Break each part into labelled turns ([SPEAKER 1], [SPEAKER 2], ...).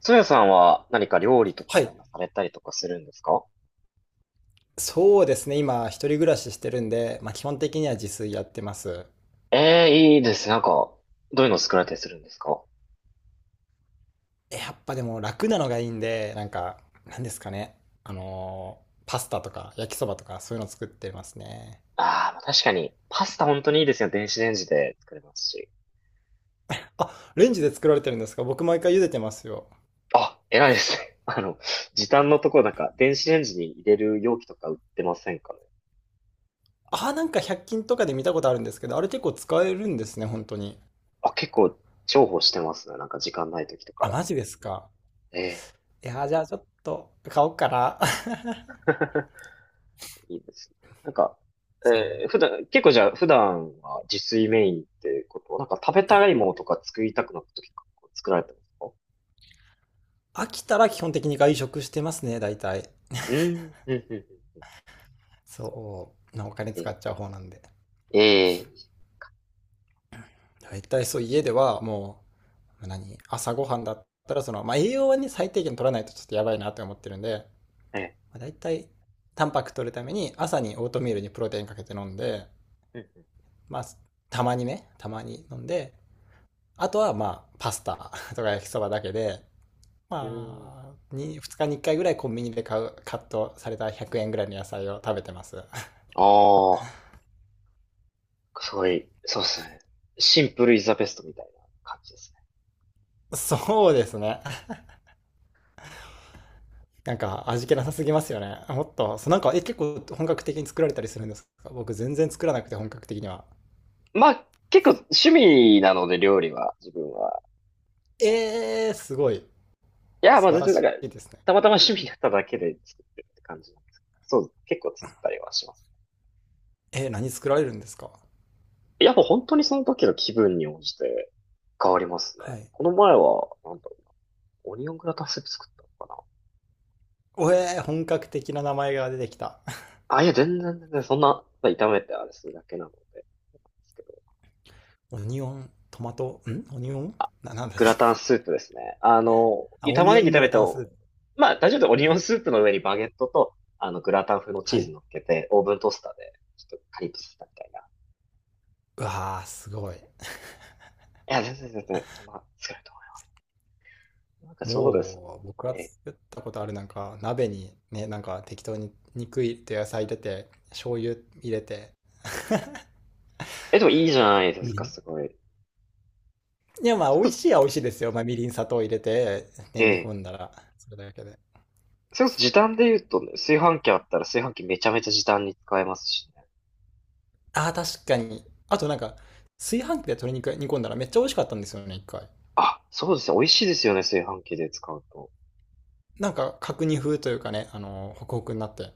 [SPEAKER 1] ソヤさんは何か料理とか
[SPEAKER 2] は
[SPEAKER 1] って
[SPEAKER 2] い。
[SPEAKER 1] されたりとかするんですか？
[SPEAKER 2] そうですね。今、一人暮らししてるんで、まあ、基本的には自炊やってます。
[SPEAKER 1] ええー、いいですね。なんか、どういうの作られたりするんですか？
[SPEAKER 2] やっぱでも楽なのがいいんで、なんか、なんですかね。あのーパスタとか焼きそばとかそういうの作ってますね。
[SPEAKER 1] ああー、まあ確かに、パスタ本当にいいですよ。電子レンジで作れますし。
[SPEAKER 2] あ、レンジで作られてるんですか？僕毎回茹でてますよ。
[SPEAKER 1] あ、偉いですね。あの、時短のところなんか、電子レンジに入れる容器とか売ってませんかね。
[SPEAKER 2] あ、なんか100均とかで見たことあるんですけど、あれ結構使えるんですね、本当に。
[SPEAKER 1] あ、結構重宝してますね。なんか時間ない時とか
[SPEAKER 2] あ、
[SPEAKER 1] は。
[SPEAKER 2] マジですか。
[SPEAKER 1] ええ
[SPEAKER 2] いやー、じゃあちょっと買おうかな。
[SPEAKER 1] いいですね。なんか、
[SPEAKER 2] そう。
[SPEAKER 1] 普段、結構じゃあ、普段は自炊メインってことなんか食べたいものとか作りたくなった時とか作られてますか？
[SPEAKER 2] 飽きたら基本的に外食してますね、大体。
[SPEAKER 1] うん、うん、うん、うん。
[SPEAKER 2] そう。なお金
[SPEAKER 1] え、
[SPEAKER 2] 使っちゃう方なんで。
[SPEAKER 1] え
[SPEAKER 2] 大体そう、家ではもう、何、朝ごはんだったら、その、まあ、栄養はね、最低限取らないとちょっとやばいなって思ってるんで、
[SPEAKER 1] ー、え
[SPEAKER 2] まあ、大体、タンパク取るために、朝にオートミールにプロテインかけて飲んで、
[SPEAKER 1] ー、
[SPEAKER 2] まあ、たまにね、たまに飲んで、あとはまあ、パスタ とか焼きそばだけで、
[SPEAKER 1] うん、うん。うん。
[SPEAKER 2] まあに、2日に1回ぐらいコンビニで買う、カットされた100円ぐらいの野菜を食べてます。
[SPEAKER 1] ああ、すごい、そうですね。シンプルイズザベストみたいな感じですね。
[SPEAKER 2] そうですね。なんか味気なさすぎますよね。もっと、そうなんか、え、結構本格的に作られたりするんですか？僕全然作らなくて本格的には。
[SPEAKER 1] まあ、結構趣味なので料理は、自分は。
[SPEAKER 2] えー、すごい。
[SPEAKER 1] いや、ま
[SPEAKER 2] 素
[SPEAKER 1] あ
[SPEAKER 2] 晴
[SPEAKER 1] 全
[SPEAKER 2] ら
[SPEAKER 1] 然なん
[SPEAKER 2] し
[SPEAKER 1] か、
[SPEAKER 2] いですね。
[SPEAKER 1] たまたま趣味だっただけで作ってるって感じなんですけど。そう、結構作ったりはします。
[SPEAKER 2] えー、何作られるんですか？
[SPEAKER 1] いや、もう本当にその時の気分に応じて変わりますね。
[SPEAKER 2] はい。
[SPEAKER 1] この前は、なんだろう、オニオングラタンスープ作ったのか
[SPEAKER 2] おえー、本格的な名前が出てきた。
[SPEAKER 1] なあ。いや、全然全然、そんな、炒めてあれするだけなので、ですけど。
[SPEAKER 2] オニオン、トマト、んオニオンな、なんだ。
[SPEAKER 1] グ ラタンスープですね。あの、
[SPEAKER 2] あ、オ
[SPEAKER 1] 玉
[SPEAKER 2] ニ
[SPEAKER 1] ね
[SPEAKER 2] オ
[SPEAKER 1] ぎ
[SPEAKER 2] ン
[SPEAKER 1] 炒
[SPEAKER 2] グ
[SPEAKER 1] め
[SPEAKER 2] ラ
[SPEAKER 1] て、
[SPEAKER 2] タンスープ。
[SPEAKER 1] まあ、大丈夫でオニオンスープの上にバゲットと、あの、グラタン風のチ
[SPEAKER 2] は
[SPEAKER 1] ー
[SPEAKER 2] い。
[SPEAKER 1] ズ乗っけて、オーブントースターで、ちょっとカリッとさせたみたいな。い
[SPEAKER 2] うわー、すごい。
[SPEAKER 1] や、全然全然、そんな、作れると思います。なんかそうですね。
[SPEAKER 2] もう、僕が
[SPEAKER 1] え、
[SPEAKER 2] 作ったことあるなんか、鍋にね、なんか適当に肉入れて野菜入れて、醤油入れて、
[SPEAKER 1] え、でもいいじゃないで
[SPEAKER 2] み
[SPEAKER 1] す
[SPEAKER 2] り
[SPEAKER 1] か、
[SPEAKER 2] ん、
[SPEAKER 1] すごい。
[SPEAKER 2] いや、まあ、美味しい は美味しいですよ。まあ、みりん、砂糖入れて、ね、
[SPEAKER 1] え
[SPEAKER 2] 煮
[SPEAKER 1] え。
[SPEAKER 2] 込んだら、それだけで。
[SPEAKER 1] それこそ時短で言うとね、炊飯器あったら炊飯器めちゃめちゃ時短に使えますしね。
[SPEAKER 2] ああ、確かに。あと、なんか、炊飯器で鶏肉煮込んだらめっちゃ美味しかったんですよね、一回。
[SPEAKER 1] あ、そうですね。美味しいですよね、炊飯器で使うと。
[SPEAKER 2] なんか、角煮風というかね、あの、ホクホクになって。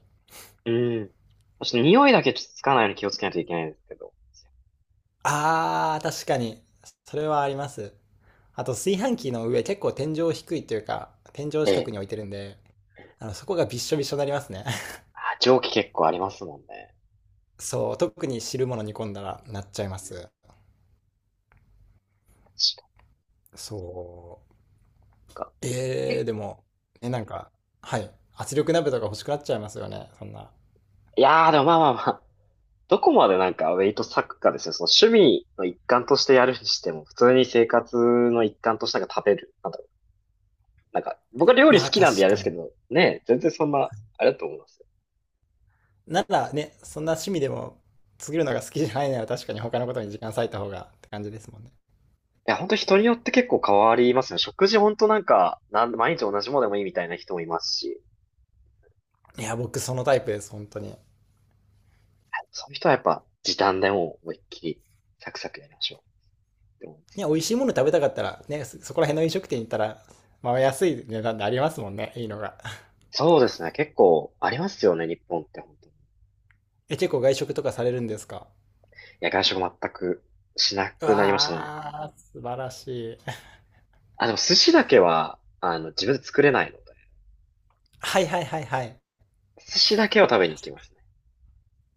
[SPEAKER 1] うん。ちょっと匂いだけちょっとつかないように気をつけないといけないんですけど。
[SPEAKER 2] ああ、確かに。それはあります。あと、炊飯器の上、結構天井低いというか、天井
[SPEAKER 1] え
[SPEAKER 2] 近く
[SPEAKER 1] え。
[SPEAKER 2] に置いてるんで、あの、そこがびっしょびしょになりますね。
[SPEAKER 1] あ、蒸気結構ありますもんね。
[SPEAKER 2] そう、特に汁物煮込んだらなっちゃいます。
[SPEAKER 1] 確か
[SPEAKER 2] そう。
[SPEAKER 1] にか。
[SPEAKER 2] えー、
[SPEAKER 1] え、
[SPEAKER 2] でも、ねなんか、はい。圧力鍋とか欲しくなっちゃいますよね、そんな。
[SPEAKER 1] いやー、でもまあまあまあ。どこまでなんかウェイト割くかですよ。その趣味の一環としてやるにしても、普通に生活の一環としてなんか食べる。なんだろう。なんか、僕は料理
[SPEAKER 2] ま
[SPEAKER 1] 好
[SPEAKER 2] あ
[SPEAKER 1] き
[SPEAKER 2] 確
[SPEAKER 1] なんでやるんで
[SPEAKER 2] か
[SPEAKER 1] すけ
[SPEAKER 2] に。
[SPEAKER 1] ど、ねえ、全然そんな、あれだと思います。
[SPEAKER 2] ならね、そんな趣味でも作るのが好きじゃないなら確かに他のことに時間割いた方がって感じですもんね。
[SPEAKER 1] いや、本当人によって結構変わりますね。食事本当なんか、毎日同じものでもいいみたいな人もいますし、
[SPEAKER 2] いや、僕そのタイプです、本当に。ね、
[SPEAKER 1] そういう人はやっぱ時短でもう思いっきりサクサクやりましょうって思いま
[SPEAKER 2] 美
[SPEAKER 1] す。
[SPEAKER 2] 味しいもの食べたかったら、ね、そそこら辺の飲食店行ったら、まあ安い値段でありますもんね、いいのが。
[SPEAKER 1] そうですね。結構ありますよね、日本って本当に。い
[SPEAKER 2] え、結構外食とかされるんですか？
[SPEAKER 1] や、外食全くしな
[SPEAKER 2] う
[SPEAKER 1] くなりましたね。
[SPEAKER 2] わー、素晴らしい。
[SPEAKER 1] あ、でも寿司だけは、あの、自分で作れないので、
[SPEAKER 2] はいはいはいはい。
[SPEAKER 1] 寿司だけは食べに行きますね。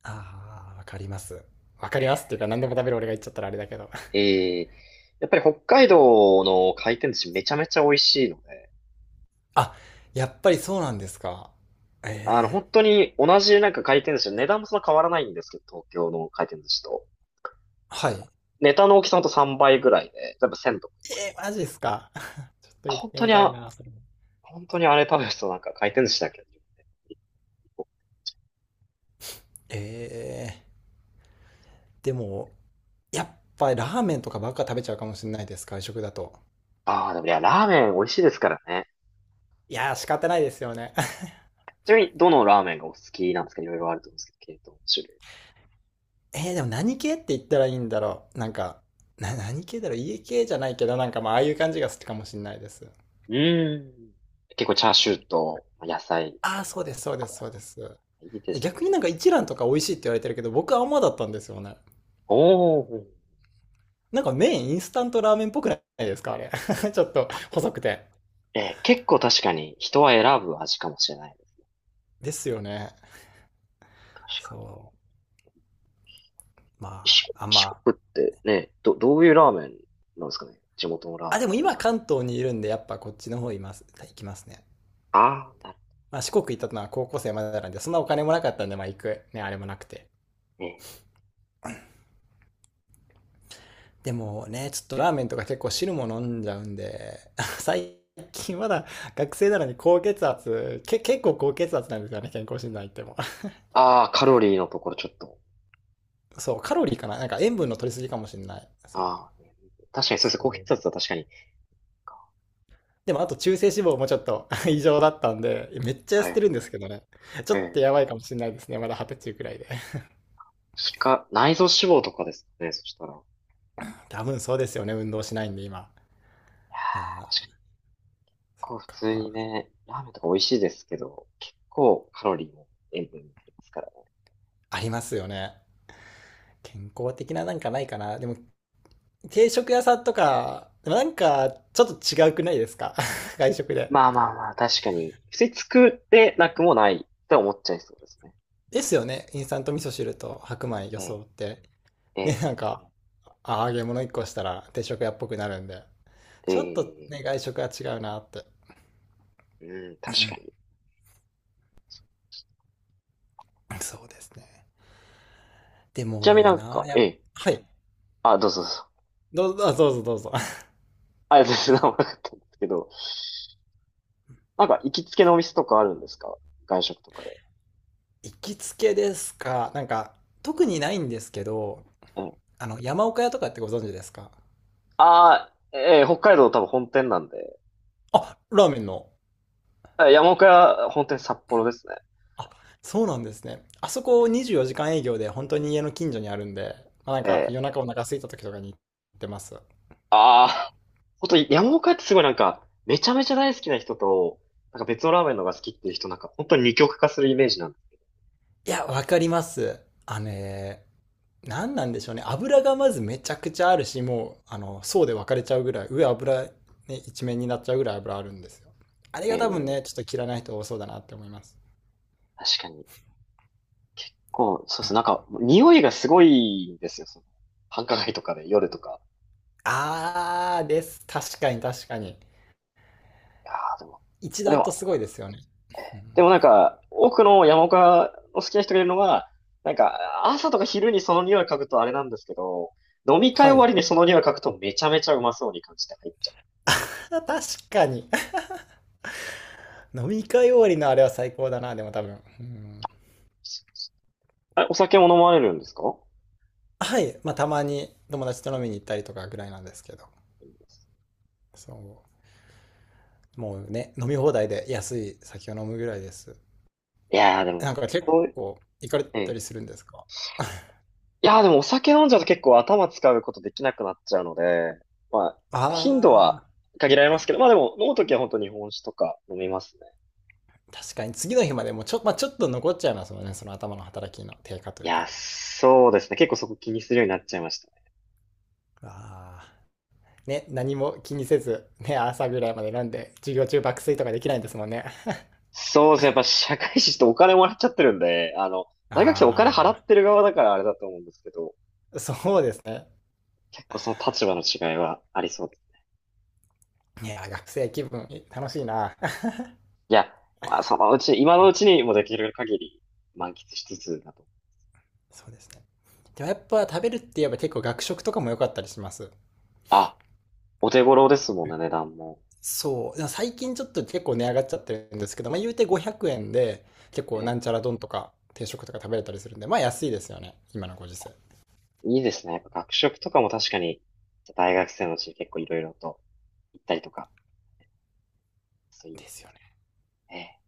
[SPEAKER 2] あー、わかります。わかりますっていうか何でも食べる俺が言っちゃったらあれだけど。
[SPEAKER 1] えー、やっぱり北海道の回転寿司めちゃめちゃ美味しいので、
[SPEAKER 2] あ、やっぱりそうなんですか？
[SPEAKER 1] あの、
[SPEAKER 2] ええ、
[SPEAKER 1] 本当に同じなんか回転寿司、値段もそんな変わらないんですけど、東京の回転寿司と。
[SPEAKER 2] はい。え
[SPEAKER 1] ネタの大きさほんと3倍ぐらいで、全部1とか。
[SPEAKER 2] ー、マジですか。ちょっと行っ
[SPEAKER 1] 本
[SPEAKER 2] て
[SPEAKER 1] 当
[SPEAKER 2] み
[SPEAKER 1] に
[SPEAKER 2] たい
[SPEAKER 1] あ、
[SPEAKER 2] な、それも。
[SPEAKER 1] 本当にあれ食べるとなんか回転寿司だけど。
[SPEAKER 2] ええ、でも、やっぱりラーメンとかばっか食べちゃうかもしれないです、外食だと。
[SPEAKER 1] ああ、でもいや、ラーメン美味しいですからね。
[SPEAKER 2] いやー、仕方ないですよね。
[SPEAKER 1] ちなみに、どのラーメンがお好きなんですか？いろいろあると思うんですけど、系統、種類。
[SPEAKER 2] えー、でも何系って言ったらいいんだろう。なんか、な、何系だろう。家系じゃないけど、なんかまあ、ああいう感じが好きかもしれないです。
[SPEAKER 1] うーん。結構チャーシューと、野菜
[SPEAKER 2] ああ、そう
[SPEAKER 1] と、
[SPEAKER 2] です、そうです、
[SPEAKER 1] 油
[SPEAKER 2] そうです。
[SPEAKER 1] いいですね。
[SPEAKER 2] 逆になんか一蘭とか美味しいって言われてるけど、僕はあんまだったんですよね。
[SPEAKER 1] おー。
[SPEAKER 2] なんか麺インスタントラーメンっぽくないですかあれ。ちょっと
[SPEAKER 1] あ、
[SPEAKER 2] 細くて。
[SPEAKER 1] 結構確かに人は選ぶ味かもしれない。
[SPEAKER 2] ですよね。
[SPEAKER 1] 確かに
[SPEAKER 2] そう。ま
[SPEAKER 1] 四国、
[SPEAKER 2] あ、あま
[SPEAKER 1] 四
[SPEAKER 2] あ。
[SPEAKER 1] 国ってね、どういうラーメンなんですかね、地元のラーメ
[SPEAKER 2] あ、
[SPEAKER 1] ンっ
[SPEAKER 2] でも
[SPEAKER 1] て。
[SPEAKER 2] 今関東にいるんで、やっぱこっちの方います、行きますね。
[SPEAKER 1] ああ、なる
[SPEAKER 2] まあ四国行ったのは高校生までなんで、そんなお金もなかったんで、まあ行く。ね、あれもなくて。
[SPEAKER 1] ほどね。
[SPEAKER 2] でもね、ちょっとラーメンとか結構汁も飲んじゃうんで、最近まだ 学生なのに高血圧、け、結構高血圧なんですよね、健康診断行っても。
[SPEAKER 1] ああ、カロリーのところちょっと。
[SPEAKER 2] そう、カロリーかななんか塩分の取りすぎかもしれない。その、
[SPEAKER 1] ああ、ね、確かにそうですね。
[SPEAKER 2] そ
[SPEAKER 1] 高
[SPEAKER 2] う。
[SPEAKER 1] 血圧は確かに。
[SPEAKER 2] でもあと中性脂肪もちょっと 異常だったんで、めっちゃ痩
[SPEAKER 1] は
[SPEAKER 2] せて
[SPEAKER 1] い。
[SPEAKER 2] るんですけどね。ち
[SPEAKER 1] え
[SPEAKER 2] ょっと
[SPEAKER 1] え。
[SPEAKER 2] やばいかもしれないですね。まだ二十歳くらいで。
[SPEAKER 1] 内臓脂肪とかですかね。そしたら。いや
[SPEAKER 2] 多分そうですよね。運動しないんで今。あ
[SPEAKER 1] ー、確
[SPEAKER 2] ー
[SPEAKER 1] かに結構普通
[SPEAKER 2] か
[SPEAKER 1] にね、ラーメンとか美味しいですけど、結構カロリーも塩分もありますからね。
[SPEAKER 2] ありますよね。健康的ななんかないかな。でも定食屋さんとか、でもなんかちょっと違うくないですか？ 外食で。
[SPEAKER 1] まあまあまあ、確かに。普通に作ってなくもないと思っちゃいそうですね。
[SPEAKER 2] ですよね。インスタント味噌汁と白米
[SPEAKER 1] ええ、
[SPEAKER 2] 装って。
[SPEAKER 1] え
[SPEAKER 2] ね、
[SPEAKER 1] え、
[SPEAKER 2] なんか、あ揚げ物一個したら定食屋っぽくなるんで。ちょっと
[SPEAKER 1] え
[SPEAKER 2] ね、外食は違うなって。
[SPEAKER 1] え、うん、確かに。
[SPEAKER 2] そうですね。で
[SPEAKER 1] ちなみに
[SPEAKER 2] も
[SPEAKER 1] なん
[SPEAKER 2] なあ、
[SPEAKER 1] か、
[SPEAKER 2] や
[SPEAKER 1] え
[SPEAKER 2] っ
[SPEAKER 1] え。
[SPEAKER 2] はい。
[SPEAKER 1] あ、どうぞどうぞ。
[SPEAKER 2] どうぞ、あどうぞどうぞ。
[SPEAKER 1] あ、全然何なかったんですけど、なんか行きつけのお店とかあるんですか？外食とかで。
[SPEAKER 2] 行きつけですか。なんか、特にないんですけど、
[SPEAKER 1] ええ。
[SPEAKER 2] あの、山岡屋とかってご存知ですか？
[SPEAKER 1] ああ、ええ、北海道多分本店なんで。
[SPEAKER 2] あ、ラーメンの。
[SPEAKER 1] あ、山岡屋本店札幌ですね。
[SPEAKER 2] あ、そうなんですね。あそこ24時間営業で本当に家の近所にあるんで、まあ、なん
[SPEAKER 1] え
[SPEAKER 2] か夜
[SPEAKER 1] え。
[SPEAKER 2] 中お腹空いた時とかに行ってます。い
[SPEAKER 1] ああ、ほんと山岡屋ってすごいなんか、めちゃめちゃ大好きな人と、なんか別のラーメンのが好きっていう人なんか本当に二極化するイメージなんで。
[SPEAKER 2] や、わかります。あのね、何なんでしょうね、油がまずめちゃくちゃあるしもうあの層で分かれちゃうぐらい上油、ね、一面になっちゃうぐらい油あるんですよ。あれ
[SPEAKER 1] え
[SPEAKER 2] が多分
[SPEAKER 1] え、
[SPEAKER 2] ねちょっと嫌いな人多そうだなって思います。
[SPEAKER 1] 確かに。こう、そうです。なんか、匂いがすごいんですよ。その繁華街とかで、夜とか。
[SPEAKER 2] あーです、確かに確かに、
[SPEAKER 1] いやーでも、
[SPEAKER 2] 一
[SPEAKER 1] で
[SPEAKER 2] 段と
[SPEAKER 1] も、
[SPEAKER 2] すごいですよね、うん。
[SPEAKER 1] でもなんか、多くの山岡を好きな人がいるのは、なんか、朝とか昼にその匂い嗅ぐとあれなんですけど、飲 み会
[SPEAKER 2] は
[SPEAKER 1] 終
[SPEAKER 2] い。
[SPEAKER 1] わりにそ の匂い嗅ぐとめちゃめちゃうまそうに感じて入っちゃう。
[SPEAKER 2] あ、確かに。 飲み会終わりのあれは最高だな、でも多分うん。
[SPEAKER 1] あ、お酒も飲まれるんですか？
[SPEAKER 2] はい、まあたまに友達と
[SPEAKER 1] うん、
[SPEAKER 2] 飲
[SPEAKER 1] い
[SPEAKER 2] みに行ったりとかぐらいなんですけど、
[SPEAKER 1] いです。
[SPEAKER 2] そう、もうね飲み放題で安い酒を飲むぐらいです。
[SPEAKER 1] いやーで
[SPEAKER 2] なんか
[SPEAKER 1] も、
[SPEAKER 2] 結
[SPEAKER 1] そう、
[SPEAKER 2] 構行かれ
[SPEAKER 1] え
[SPEAKER 2] た
[SPEAKER 1] え。
[SPEAKER 2] りするんですか？
[SPEAKER 1] いやーでもお酒飲んじゃうと結構頭使うことできなくなっちゃうので、まあ、頻度は
[SPEAKER 2] ああ
[SPEAKER 1] 限られますけど、まあでも飲むときは本当日本酒とか飲みますね。
[SPEAKER 2] ー、確かに次の日までもちょ、まあ、ちょっと残っちゃいますもんね、その頭の働きの低下と
[SPEAKER 1] い
[SPEAKER 2] いう
[SPEAKER 1] やー、
[SPEAKER 2] か。
[SPEAKER 1] そうですね。結構そこ気にするようになっちゃいました。
[SPEAKER 2] ああ。ね、何も気にせず、ね、朝ぐらいまで飲んで、授業中爆睡とかできないんですもんね。
[SPEAKER 1] そうですね。やっぱ社会人ってお金もらっちゃってるんで、あの、大学生お金払
[SPEAKER 2] あ
[SPEAKER 1] ってる側だからあれだと思うんですけど、
[SPEAKER 2] あ、そうですね。
[SPEAKER 1] 結構その立場の違いはありそうです。
[SPEAKER 2] いや、学生気分楽しいな。
[SPEAKER 1] いや、まあそのうち、今のうちにもできる限り満喫しつつだと。
[SPEAKER 2] そうですね。でもやっぱ食べるって言えば結構学食とかも良かったりします。
[SPEAKER 1] あ、お手頃ですもんね、値段も。
[SPEAKER 2] そう、最近ちょっと結構値上がっちゃってるんですけど、まあ言うて500円で結
[SPEAKER 1] え
[SPEAKER 2] 構な
[SPEAKER 1] え、
[SPEAKER 2] んちゃら丼とか定食とか食べれたりするんで、まあ安いですよね。今のご時世。
[SPEAKER 1] いいですね。やっぱ学食とかも確かに、大学生のうちに結構いろいろと行ったりとか、そういいで
[SPEAKER 2] で
[SPEAKER 1] す
[SPEAKER 2] す
[SPEAKER 1] ね。
[SPEAKER 2] よね。
[SPEAKER 1] ええ